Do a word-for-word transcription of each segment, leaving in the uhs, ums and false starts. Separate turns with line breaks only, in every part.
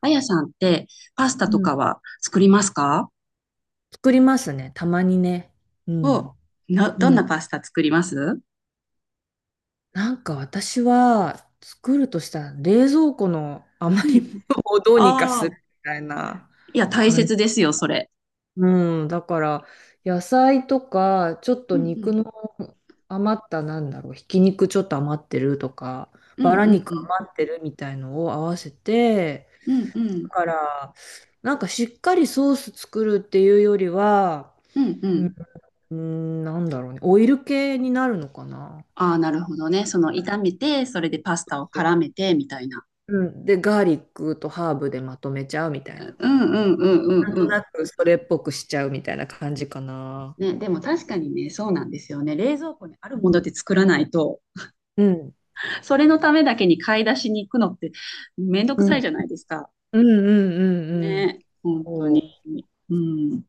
あやさんってパスタ
う
と
ん、
かは作りますか？
作りますね。たまにね。う
お、
ん。
な、
う
どんな
ん。
パスタ作ります？
なんか私は作るとしたら冷蔵庫の
う
余り物を
ん、
どうにかす
ああ、
るみたいな
いや、大
感じ。
切ですよ、それ。
うん。だから野菜とか、ちょっ
う
と
ん、う
肉
ん、
の余った、なんだろう、ひき肉ちょっと余ってるとか、
うん、
バラ
う
肉
ん、
余ってるみたいのを合わせて、
うん、うん、うん、
だから、なんかしっかりソース作るっていうよりは、
うんうん。
うーん、なんだろうね。オイル系になるのかな。
ああ、なるほどね。その炒めて、それでパスタを絡めて、みたいな。
うん。で、ガーリックとハーブでまとめちゃうみたい
う
な。
ん、うん、うん、うん、
なん
う
と
ん。
なくそれっぽくしちゃうみたいな感じかな。
ね、でも確かにね、そうなんですよね。冷蔵庫にあるもので作らないと、
うん。
それのためだけに買い出しに行くのってめんど
う
くさい
ん。
じゃないですか。
うんうんうんうん。
ね、本当
そ
に。うん。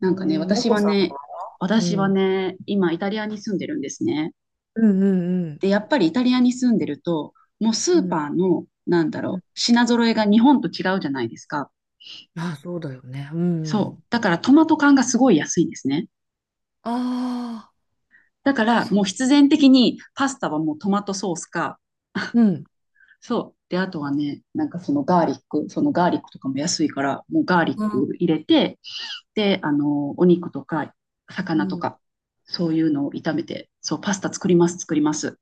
な
う。え
んかね、
ー、ま
私
こ
は
さんは。
ね、
う
私は
ん。
ね、今イタリアに住んでるんですね。
うんうんうん。
で、やっぱりイタリアに住んでると、もうス
う
ー
ん。
パーの、なんだ
うん。
ろう、品揃えが日本と違うじゃないですか。
あ、そうだよね。う
そう。
ん。
だからトマト缶がすごい安いんですね。
ああ、
だから
そ
もう必然的にパスタはもうトマトソースか、
う。うん。
そう。で、あとはね、なんかそのガーリック、そのガーリックとかも安いから、もうガーリッ
うん。
ク入れて、で、あの、お肉とか
う
魚と
ん。
か、そういうのを炒めて、そう、パスタ作ります、作ります。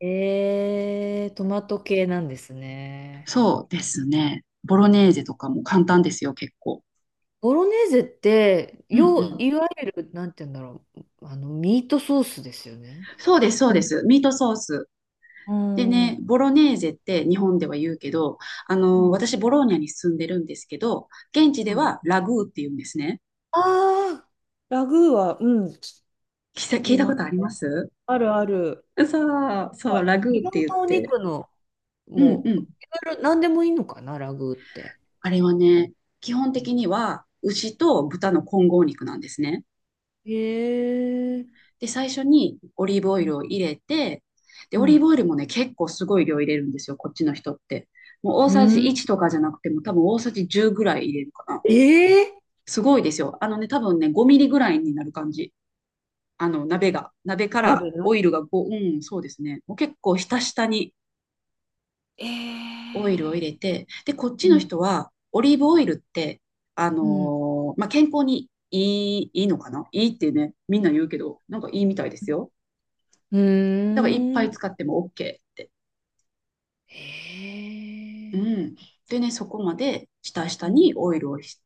えー、トマト系なんですね。
そうですね。ボロネーゼとかも簡単ですよ、結構。
ボロネーゼって、
うんう
よう、
ん。
いわゆる、なんて言うんだろう、あの、ミートソースですよね。
そうです、そう
う
で
ん。
す。ミートソース。
う
で
んう
ね、
ん。
ボロネーゼって日本では言うけど、あの、私、ボローニャに住んでるんですけど、現地ではラグーって言うんですね。
ああー、ラグーは、うん、聞
聞いた聞
き
いた
ま
こ
す
とあり
ね。
ます。
あるある。
そう、そ
は
う、ラ
い。い
グーっ
ろん
て言
な
っ
お
て。
肉の、
うん
も
う
う、
ん。
いろいろ、なんでもいいのかな、ラグーって。
あれはね、基本的には牛と豚の混合肉なんですね。
へえ。
で、最初にオリーブオイルを入れて、で、
う
オリー
ん。
ブオイルもね、結構すごい量入れるんですよ、こっちの人って。もう大
う
さじ
ん。
いちとかじゃなくても、多分大さじじゅうぐらい入れるかな。
ええー。
すごいですよ。あのね、多分ね、ごミリぐらいになる感じ。あの、鍋が。鍋から
鍋の。
オイルがご、うん、そうですね。もう結構ひたひたに
え
オイルを入
え
れて、で、こっ
ー。
ち
う
の
ん。
人は、オリーブオイルって、あ
うん。
のーまあ、健康にいい、いいのかないいってね、みんな言うけど、なんかいいみたいですよ。
う
だからいっぱ
ーん。
い使っても OK って。
へ
う
え。
ん。でね、そこまで下
う
下
ん、
にオイルをひ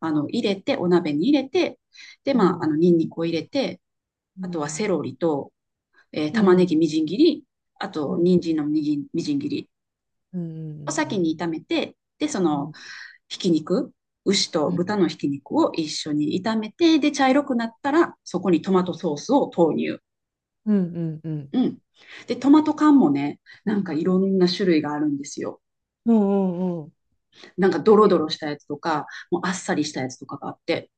あの入れて、お鍋に入れて、で、
う
まあ、あ
ん、
の、ニンニクを入れて、
う
あとはセ
ん、
ロリと、えー
う
玉ね
ん、
ぎみじん切り、あ
う
と、
ん、
人参のみじんみじん切り
うん、う
を
ん、う
先
ん、
に炒めて、で、そ
う
の、
ん、
ひき肉、牛と
うん、
豚のひき肉を一緒に炒めて、で、茶色くなったら、そこにトマトソースを投入。
うん、
うん。で、トマト缶もね、なんかいろんな種類があるんですよ。
うん、うん、
なんかドロドロしたやつとか、もうあっさりしたやつとかがあって。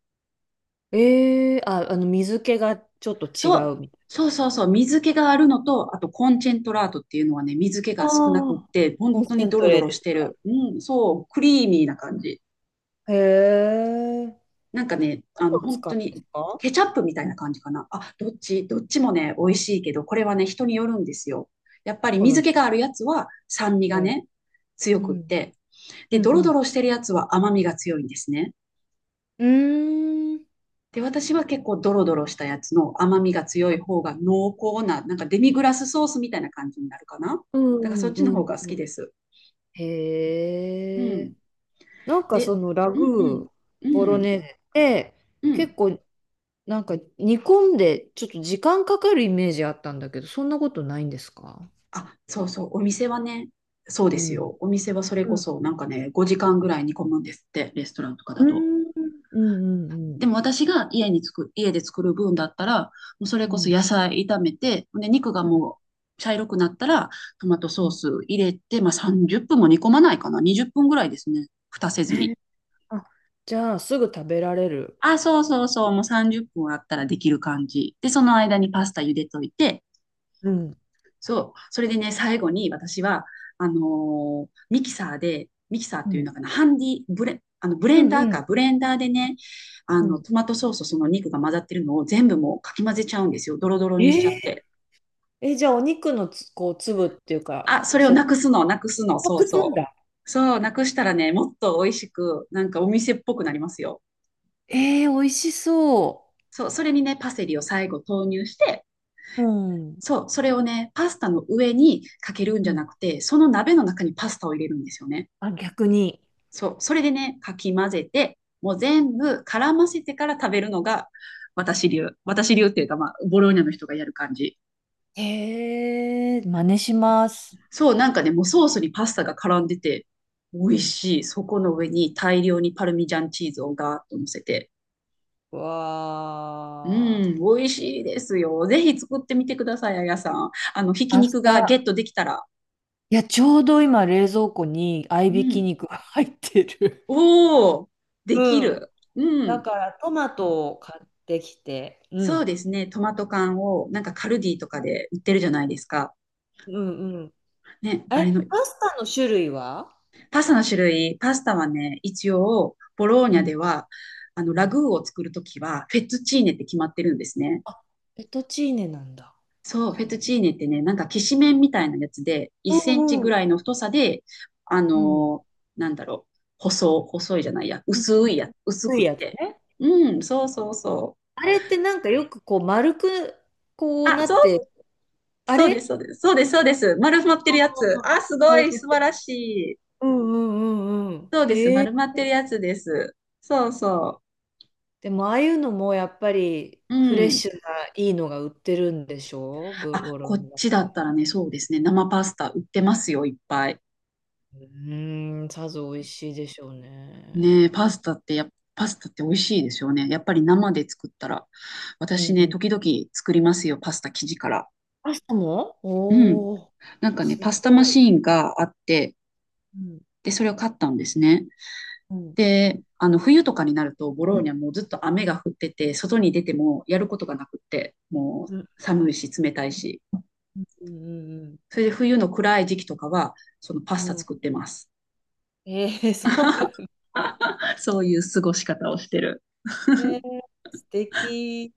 ええー。あ、あの、水気がちょっと違
そう、
うみたい
そうそうそう、水気があるのと、あとコンチェントラートっていうのはね、水気
な。
が
あ
少なくっ
あ、
て、
コ
本
ン
当
セ
に
ン
ド
ト
ロ
レ
ド
ー
ロ
テ
してる。うん、そう、クリーミーな感じ。
ッド。へえ。何
なんかね、あの、
を
本
使う
当
んで
に
すか？
ケチャップみたいな感じかな。あ、どっち、どっちもね、美味しいけど、これはね、人によるんですよ。やっぱり
好
水
み
気があるやつは酸味が
で。
ね、強
う
くっ
ん、
て、
う
で、ドロド
ん、
ロしてるやつは甘みが強いんですね。
うん。うーん、
で、私は結構ドロドロしたやつの甘みが強い方が濃厚な、なんかデミグラスソースみたいな感じになるかな。
う
だからそ
ん、
っ
う
ちの
んう
方が好
ん。
きです。う
へえ。
ん。
なんかそ
で、
のラ
うんう
グ
ん、
ー、
う
ボロ
ん、
ネーゼって、
うん。
結構なんか煮込んでちょっと時間かかるイメージあったんだけど、そんなことないんですか？
あ、そうそう、お店はね、そう
う
です
ん。
よ。お店はそれ
う
こ
ん
そなんかね、ごじかんぐらい煮込むんですって、レストランとか
う
だと。
んうんうんうん。
でも私が家に作、家で作る分だったら、もうそれ
う
こそ
ん
野菜炒めて、で、肉がもう茶色くなったら、トマト
う
ソー
ん。
ス入れて、まあさんじゅっぷんも煮込まないかな。にじゅっぷんぐらいですね。蓋せ
え
ずに。
ー。あ、じゃあ、すぐ食べられる。
あ、そうそうそう。もうさんじゅっぷんあったらできる感じ。で、その間にパスタ茹でといて、
うん。
そう。それでね、最後に私は、あのーミキサーで、ミキサーっ
う
ていう
ん。
のかな、ハンディ、ブレ、あのブレ
う
ン
ん
ダー
うん
か、ブレンダーでね、あ
う
の、
ん。
トマトソースとその肉が混ざってるのを全部もうかき混ぜちゃうんですよ。ドロドロにしちゃっ
えー。
て。
え、じゃあ、お肉のつ、こう、粒っていうか、
あ、それをな
触
くすの、なくすの、そう
覚なん
そ
だ。
う。そう、なくしたらね、もっと美味しく、なんかお店っぽくなりますよ。
えー、美味しそ
そう、それにね、パセリを最後投入して、
う。うん。
そう、それをね、パスタの上にかけるん
う
じゃ
ん。
なくて、その鍋の中にパスタを入れるんですよね。
あ、逆に。
そう、それでね、かき混ぜて、もう全部絡ませてから食べるのが私流。私流っていうか、まあ、ボローニャの人がやる感じ。
えー、真似します。
そう、なんかね、もうソースにパスタが絡んでて、美
う
味
ん。
しい。そこの上に大量にパルミジャンチーズをガーッと乗せて。う
わ
ん、美味しいですよ。ぜひ作ってみてください、あやさん。あの、ひき
あ。明
肉がゲ
日、
ットできたら。
いや、ちょうど今、冷蔵庫に合い
う
びき
ん。
肉が入ってる。
おー、でき
うん。
る。う
だ
ん。
からトマトを買ってきて、う
そう
ん。
ですね。トマト缶を、なんかカルディとかで売ってるじゃないですか。
うんうん。
ね、あ
え、
れの。
パスタの種類は？
パスタの種類、パスタはね、一応、ボロー
う
ニャ
ん
では、あの、
う
ラ
ん。
グーを作るときは、フェットチーネって決まってるんですね。
あ、ペトチーネなんだ。
そう、フェット
ほ。
チーネってね、なんか、きしめんみたいなやつで、1
う
センチ
んうん
ぐら
う。
いの太さで、あ
うん。
のーなんだろう、細、細いじゃないや、
うん。
薄いや、薄
薄
く
い
っ
やつ
て。
ね。
うん、そうそうそう。
あれってなんかよくこう丸くこう
あ、
な
そ
っ
う、
て、あ
そうです、そ
れ、
うです、そうです、そうです。丸まってるやつ。あ、す
あ
ご
れ、
い、素晴らしい。
うんうんうんうん。
そうです、
へえ。
丸まってるやつです。そうそ
でもああいうのもやっぱり
う。う
フレッ
ん。
シュないいのが売ってるんでしょ？ブ
あ、
ローロ
こっ
ンだっ
ちだ
たら。
ったらね、そうですね。生パスタ売ってますよ、いっぱい。
うーん、さぞ美味しいでしょうね。
ねえ、パスタってや、パスタって美味しいですよね。やっぱり生で作ったら。
う
私
ん
ね、
うん。
時々作りますよ、パスタ生地から。
パスタも。
うん。
おおー、
なんかね、
す
パスタマ
ごい。
シーンがあって、
うん、
で、それを買ったんですね。
うん、
で、あの、冬とかになると、ボローニャもうずっと雨が降ってて、外に出てもやることがなくって、も
うん、
う寒いし、冷たいし。
うん、うん
それで冬の暗い時期とかは、そのパス
うん。
タ
う
作っ
ん。
てます。
えー、そうなんだ。
そういう過ごし方をしてる。
えー、素敵。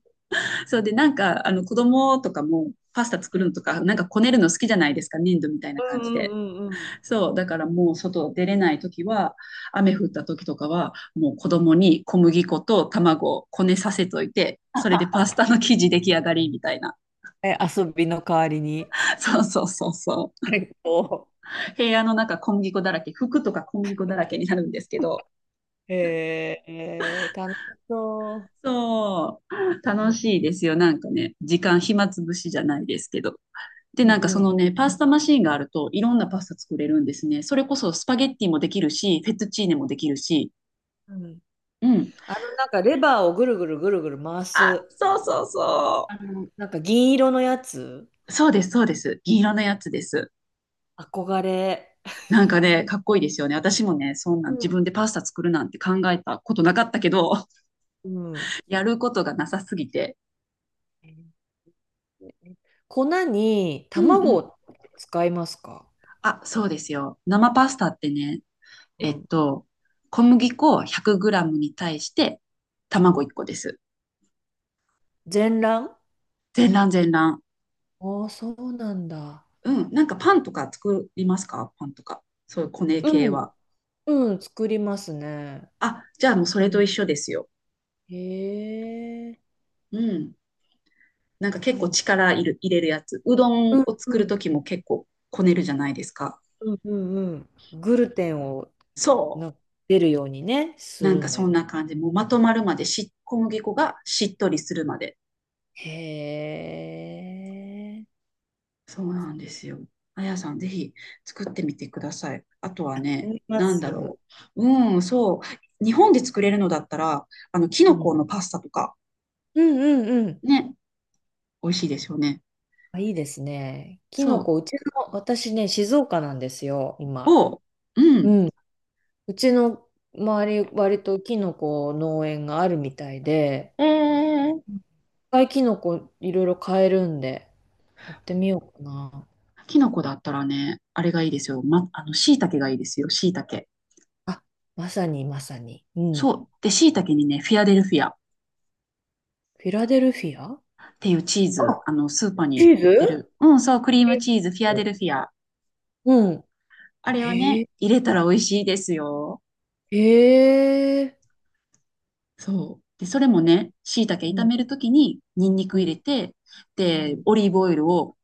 そうで、なんか、あの、子供とかも、パスタ作
う
る
ん、
のとか、なんかこねるの好きじゃないですか、粘土みたい
う
な感じ
んう
で。
んうん
そう、だからもう外出れないときは、雨
う
降っ
ん。
たときとかは、もう子供に小麦粉と卵をこねさせといて、それでパスタの生地出来上がりみたいな。
え、遊びの代わりに。
そうそうそうそ
最高。
う。部屋の中小麦粉だらけ、服とか小麦粉だらけになるんですけど、
えー、えー楽しそ
そう、
う。う
楽
ん
しいですよ、なんかね、時間暇つぶしじゃないですけど。で、
う
なんかそ
ん
の
う
ね、パスタマシーンがあると、いろんなパスタ作れるんですね。それこそスパゲッティもできるし、フェットチーネもできるし。
んうん。
うん。
あのなんかレバーをぐるぐるぐるぐる回
あ、
す、
そうそうそ
あの、なんか銀色のやつ、
う。そうです、そうです。銀色のやつです。
憧れ。
なんかね、かっこいいですよね。私もね、そんな
う
ん自
ん。
分でパスタ作るなんて考えたことなかったけど、
うん。
やることがなさすぎて。
粉に
うんう
卵
ん。
を使いますか？
あ、そうですよ。生パスタってね、
う
えっ
ん。
と、小麦粉 ひゃくグラム に対して
う
卵
ん。
いっこです。
全卵？
全卵全卵。
ああ、そうなんだ。
うん、なんかパンとか作りますか、パンとか。そういうコネ
う
系
ん。
は。
うん、作りますね。
あ、じゃあもうそ
う
れ
ん。
と一緒ですよ。
へえ。
うん。なんか
い
結構
い。
力いる、入れるやつ。うど
う
ん
ん
を
う
作
ん
る
う
と
ん
きも結構こねるじゃないですか。
うんうん。グルテンを
そ
な出るようにね、
う。
す
なん
る
か
んだ
そ
よ
ん
ね。
な感じ。もうまとまるまでし、小麦粉がしっとりするまで。
へえ。
そうなんですよ。あやさん、ぜひ作ってみてください。あとはね、
思いま
なんだ
す。
ろう。うん、そう。日本で作れるのだったら、あの、キ
う
ノ
ん、う
コ
ん
のパスタとか、
うんうん。
ね、美味しいですよね。
あ、いいですね。キノ
そう。
コ、うちの、私ね、静岡なんですよ、今。
を、う
う
ん、
ん。うちの周り、割とキノコ農園があるみたいで、
ええー、
いっぱいキノコいろいろ買えるんで、やってみようかな。
キノコだったらね、あれがいいですよ。ま、あの、椎茸がいいですよ、椎茸。
あ、まさにまさに。うん。
そう。で、椎茸にね、フィアデルフィアっ
フィラデルフィア。
ていうチー
あ、
ズ、あの、スーパーに
チー
売ってる。
ズ。
うん、そう、クリーム
チ
チーズ、フィ
ー
アデ
ズ。
ルフィア。
うん。
あれを
へ
ね、
え、
入れたら美味しいですよ。
へえ。
そう。で、それもね、椎茸
う
炒
ん、
めるときに、ニンニ
う
ク
ん、
入れて、
う
で、
ん。
オリーブオイルを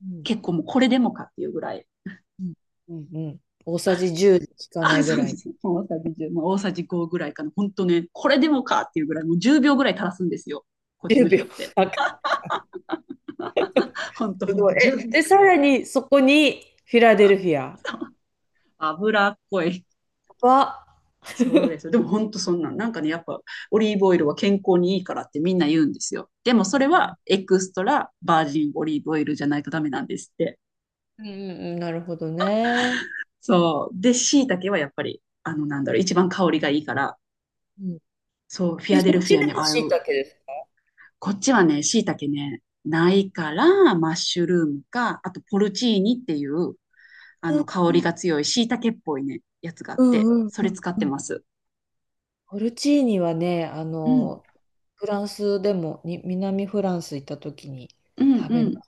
うん
結構もうこれでもかっていうぐらい。
うんうんうん。大さじじゅうで効かな
あ、
い
そ
ぐ
うで
らい。
す。大さじいち、まあ、大さじごぐらいかな。本当ね、これでもかっていうぐらい、もうじゅうびょうぐらい垂らすんですよ、こっち
10
の人
秒。
って。
あ、
本当
す
本
ご
当、
い。
いちびょう。じ
え、
ゅうびょ
え、
う。
さらにそこにフィラデルフィア
そう、脂っこい。
は、
そうです。でも本当そんなん。なんかね、やっぱオリーブオイルは健康にいいからってみんな言うんですよ。でもそれはエクストラバージンオリーブオイルじゃないとダメなんですって。
うんうんうん、なるほどね。
そう。で、椎茸はやっぱり、あの、なんだろう、一番香りがいいから、
うん、
そう、フィ
え、
アデ
そ
ル
っ
フ
ち
ィア
で
に
も
ああい
椎
う。
茸ですか？
こっちはね、椎茸ね、ないから、マッシュルームか、あとポルチーニっていう、あ
うん
の、香りが強い椎茸っぽいね、やつがあっ
う
て、
んうん
それ使っ
う
て
ん。
ます。
ポルチーニはね、あ
うん、
の、フランスでも、に、南フランス行った時に
うん、
食
う
べ
ん。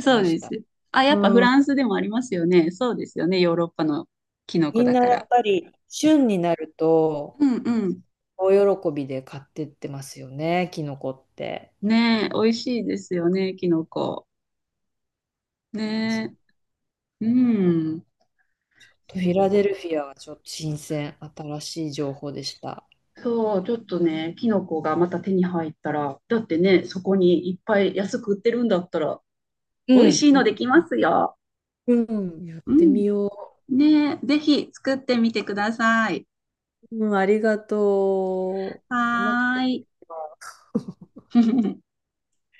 そう
まし
で
た。
す。あ、やっぱフ
うん。
ランスでもありますよね。そうですよね。ヨーロッパのキノコ
みん
だ
な
か
やっ
ら。
ぱり、旬になると、
うんうん。
大喜びで買ってってますよね、キノコって。
ねえ、美味しいですよね、キノコ。
そ
ねえ。う
う。
ん。
ちょっとフィラデル
そ
フィアはちょっと新鮮、新しい情報でした。
う。そう、ちょっとね、キノコがまた手に入ったら、だってね、そこにいっぱい安く売ってるんだったら、
う
美味
ん。
しいのできますよ。
うん、やっ
う
てみ
ん。
よ
ねえ、ぜひ作ってみてください。
う。うん、ありがとう。お腹
は
減
ー
ってき
い。
た。